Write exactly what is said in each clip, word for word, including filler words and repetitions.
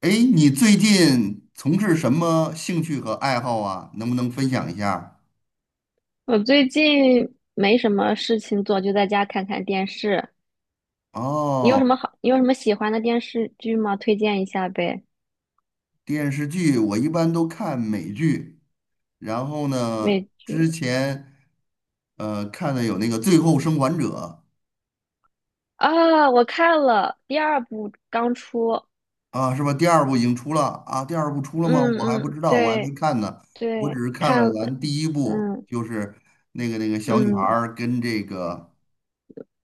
哎，你最近从事什么兴趣和爱好啊？能不能分享一下？我最近没什么事情做，就在家看看电视。你有哦，什么好？你有什么喜欢的电视剧吗？推荐一下呗。电视剧我一般都看美剧，然后呢，美之剧前呃看的有那个《最后生还者》。啊，我看了第二部刚出，啊，是吧？第二部已经出了啊？第二部出了吗？我还嗯不嗯，知道，我还没对看呢，我只对，是看了看了，咱第一部，嗯就是那个那个小女孩嗯，儿跟这个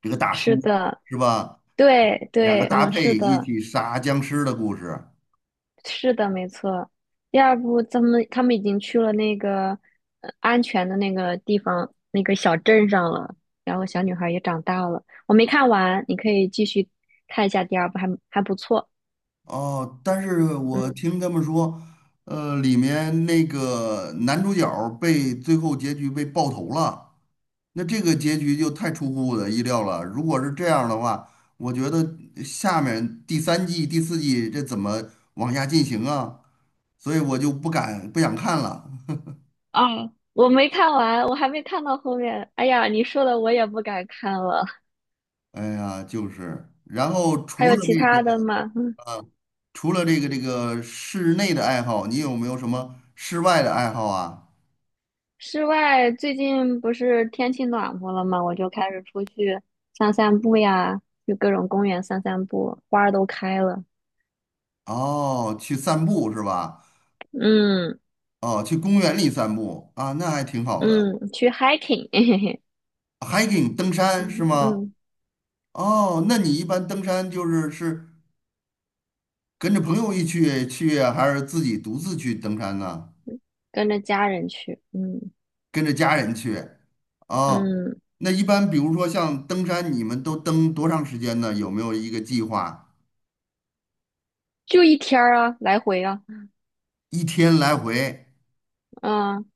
这个大是叔，的，是吧？对两个对，搭嗯是配一的，起杀僵尸的故事。是的，没错。第二部，他们他们已经去了那个呃安全的那个地方，那个小镇上了。然后小女孩也长大了。我没看完，你可以继续看一下第二部，还还不错。哦，但是我嗯，听他们说，呃，里面那个男主角儿被最后结局被爆头了，那这个结局就太出乎我的意料了。如果是这样的话，我觉得下面第三季、第四季这怎么往下进行啊？所以我就不敢不想看了。啊，我没看完，我还没看到后面。哎呀，你说的我也不敢看了。哎呀，就是，然后还除有了其这他的个。吗？嗯，除了这个这个室内的爱好，你有没有什么室外的爱好啊？室外最近不是天气暖和了吗？我就开始出去散散步呀，去各种公园散散步，花儿都开了。哦，去散步是吧？嗯。哦，去公园里散步啊，那还挺好的。嗯，去 hiking，嘿嘿嘿，hiking 登山是嗯吗？嗯，哦，那你一般登山就是是跟着朋友一起去啊，还是自己独自去登山呢？跟着家人去，嗯跟着家人去？哦，嗯，那一般比如说像登山，你们都登多长时间呢？有没有一个计划？就一天儿啊，来回啊，一天来回？嗯，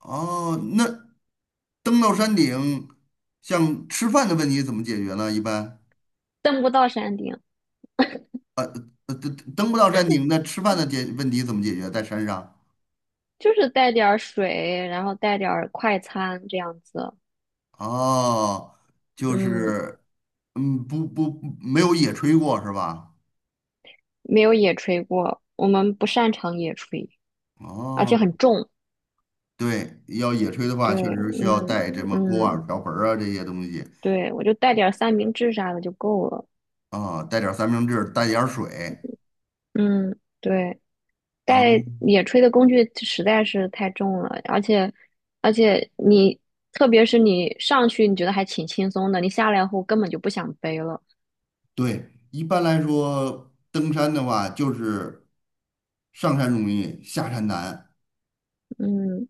哦，那登到山顶，像吃饭的问题怎么解决呢？一般，登不到山顶，呃，登登不到山顶，那吃饭的解问题怎么解决？在山上？就是带点儿水，然后带点儿快餐这样子，哦，就嗯，是，嗯，不不，没有野炊过是吧？没有野炊过，我们不擅长野炊，而且哦，很重，对，要野炊的话，确对，实需要带什嗯么锅碗嗯，瓢盆儿啊这些东西对，我就带点儿三明治啥的就够了，啊，带点儿三明治，带点儿水嗯，对。带啊。野炊的工具实在是太重了，而且而且你特别是你上去你觉得还挺轻松的，你下来后根本就不想背了。对，一般来说，登山的话就是上山容易，下山难。嗯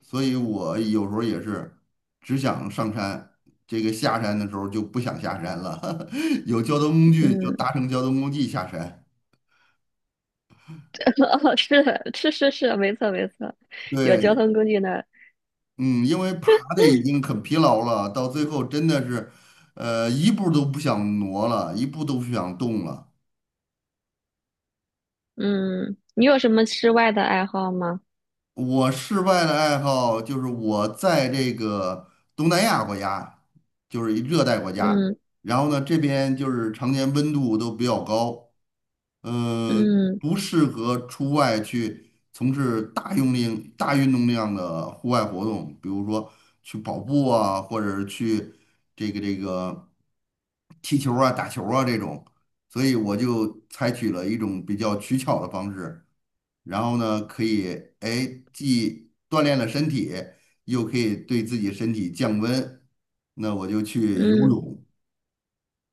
所以我有时候也是只想上山，这个下山的时候就不想下山了。有交通工具就嗯，搭乘交通工具下山。哦，是的是是是，没错没错，有交对，通工具的。嗯，因为爬的已经很疲劳了，到最后真的是，呃，一步都不想挪了，一步都不想动了。嗯，你有什么室外的爱好吗？我室外的爱好就是我在这个东南亚国家，就是一热带国家，嗯然后呢，这边就是常年温度都比较高。嗯、呃，嗯不适合出外去从事大用力、大运动量的户外活动，比如说去跑步啊，或者是去这个这个踢球啊、打球啊这种。所以我就采取了一种比较取巧的方式，然后呢，可以哎既锻炼了身体，又可以对自己身体降温。那我就去游嗯。泳。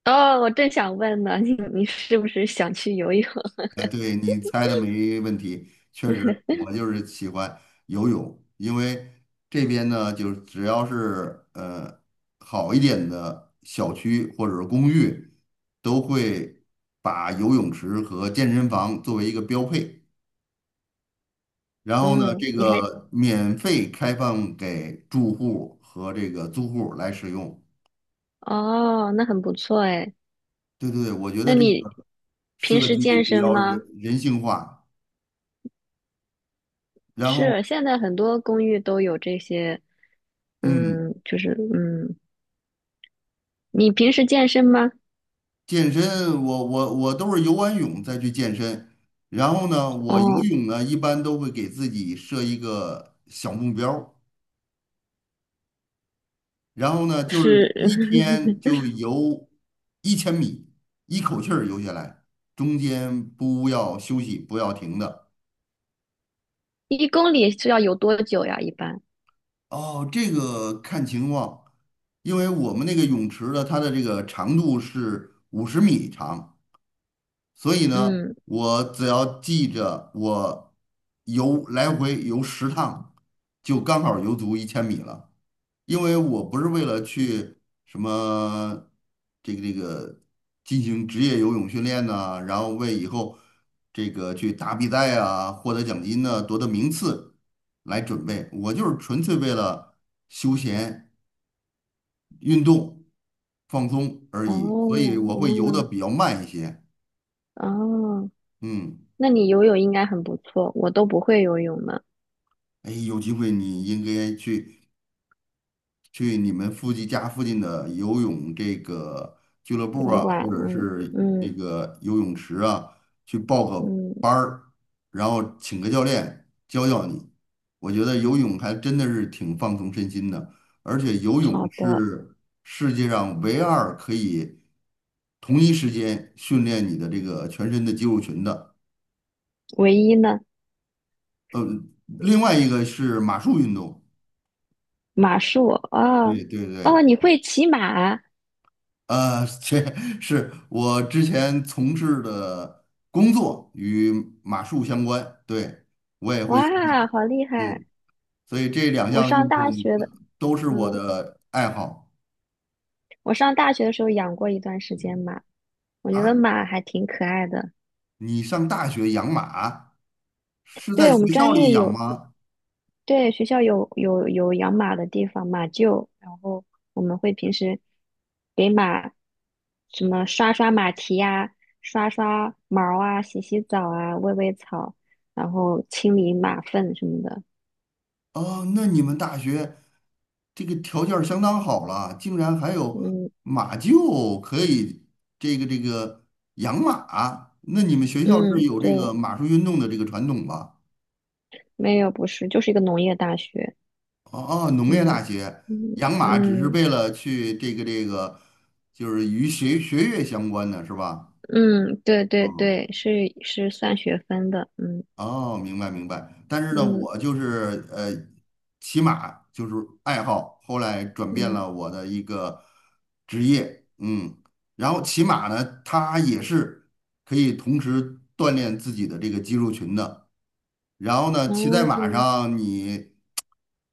哦，我正想问呢，你你是不是想去游泳？哎，对，你猜的没问题，确实，我就是喜欢游泳，因为这边呢，就是只要是呃好一点的小区或者是公寓，都会把游泳池和健身房作为一个标配，然后呢，嗯，这你还个免费开放给住户和这个租户来使用。哦，那很不错哎。对对对，我觉那得这你个平设时计健比身较人吗？人性化，然后是，现在很多公寓都有这些，嗯。嗯，就是嗯，你平时健身吗？健身，我我我都是游完泳再去健身，然后呢，我游哦，泳呢一般都会给自己设一个小目标儿，然后呢就是是，一天就 游一千米，一口气儿游下来，中间不要休息，不要停的。一公里是要游多久呀？一般，哦，这个看情况，因为我们那个泳池的它的这个长度是五十米长。所以呢，嗯，我只要记着我游来回游十趟，就刚好游足一千米了。因为我不是为了去什么这个这个进行职业游泳训练呐、然后为以后这个去打比赛啊、获得奖金呢、夺得名次来准备，我就是纯粹为了休闲运动放松而哦，已。所以我会游的哦，比较慢一些，哦，嗯。那你游泳应该很不错，我都不会游泳呢，哎，有机会你应该去去你们附近家附近的游泳这个俱乐游部泳啊，馆，或者嗯是这嗯个游泳池啊，去报个嗯，班儿，然后请个教练教教你。我觉得游泳还真的是挺放松身心的，而且游泳好的，是世界上唯二可以同一时间训练你的这个全身的肌肉群的。唯一呢，呃，另外一个是马术运动。马术，哦对对对。哦，你会骑马，呃，这 是我之前从事的工作与马术相关，对，我也会欣哇，赏，好厉害，嗯，所以这两我项上运动大学的。都是我嗯。的爱好我上大学的时候养过一段时间马，我觉得啊。马还挺可爱的。你上大学养马是在对，我学们校专里业养有，吗？对，学校有有有养马的地方，马厩，然后我们会平时给马什么刷刷马蹄呀、刷刷毛啊、洗洗澡啊、喂喂草，然后清理马粪什么的。哦，那你们大学这个条件儿相当好了，竟然还有嗯马厩可以这个这个养马啊，那你们学校是嗯，有对，这个马术运动的这个传统吧？没有，不是，就是一个农业大学。哦，农业嗯大学嗯养马只是嗯。为了去这个这个，就是与学学业相关的是吧？嗯，对对哦对，是是算学分的，嗯哦，明白明白。但是呢，嗯我就是呃，骑马就是爱好，后来转变嗯，了我的一个职业，嗯。然后骑马呢，它也是可以同时锻炼自己的这个肌肉群的。然后呢，骑在马哦，上，你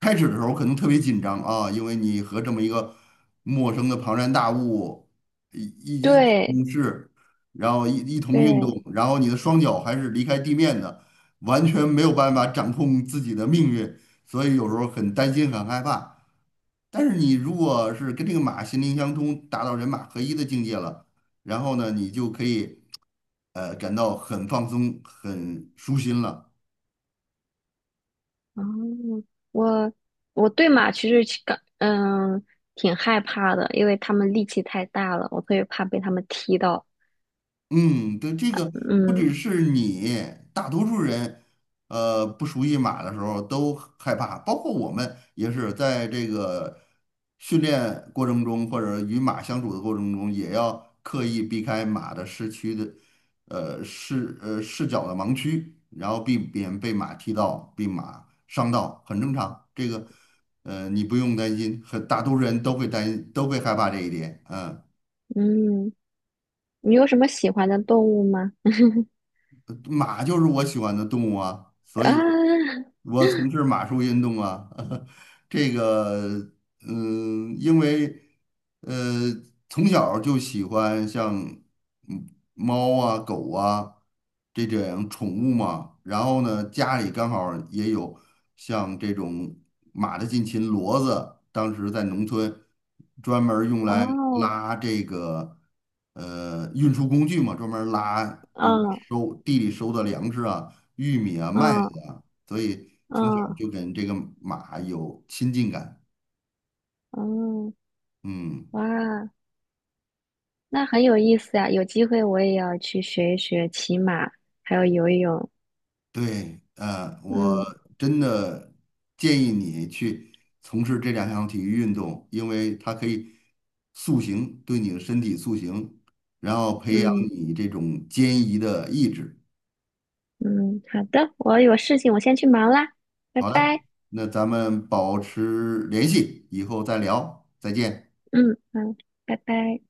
开始的时候可能特别紧张啊，因为你和这么一个陌生的庞然大物一一一起共对事，然后一一同运动，对，然后你的双脚还是离开地面的，完全没有办法掌控自己的命运，所以有时候很担心，很害怕。但是你如果是跟这个马心灵相通，达到人马合一的境界了，然后呢，你就可以呃感到很放松、很舒心了。哦，我我对马其实其感嗯挺害怕的，因为他们力气太大了，我特别怕被他们踢到。嗯，对，这个不嗯只是你，大多数人，呃，不熟悉马的时候都害怕，包括我们也是在这个训练过程中，或者与马相处的过程中，也要刻意避开马的视区的，呃，视呃视角的盲区，然后避免被马踢到、被马伤到，很正常。这个，呃，你不用担心，很大多数人都会担都会害怕这一点，嗯。嗯，你有什么喜欢的动物吗？马就是我喜欢的动物啊，所以 我从事马术运动啊。这个嗯，因为呃，从小就喜欢像嗯猫啊、狗啊这种宠物嘛。然后呢，家里刚好也有像这种马的近亲骡子，当时在农村专门儿用啊，来哦，拉这个呃运输工具嘛，专门儿拉，比如嗯收地里收的粮食啊、玉米啊、麦嗯子啊，所以从小嗯就跟这个马有亲近感。嗯，嗯，哇，那很有意思呀，有机会我也要去学一学骑马，还有游泳。对，呃，我嗯真的建议你去从事这两项体育运动，因为它可以塑形，对你的身体塑形，然后培养嗯你这种坚毅的意志。嗯，好的，我有事情，我先去忙啦，拜好的，拜。那咱们保持联系，以后再聊，再见。嗯嗯，拜拜。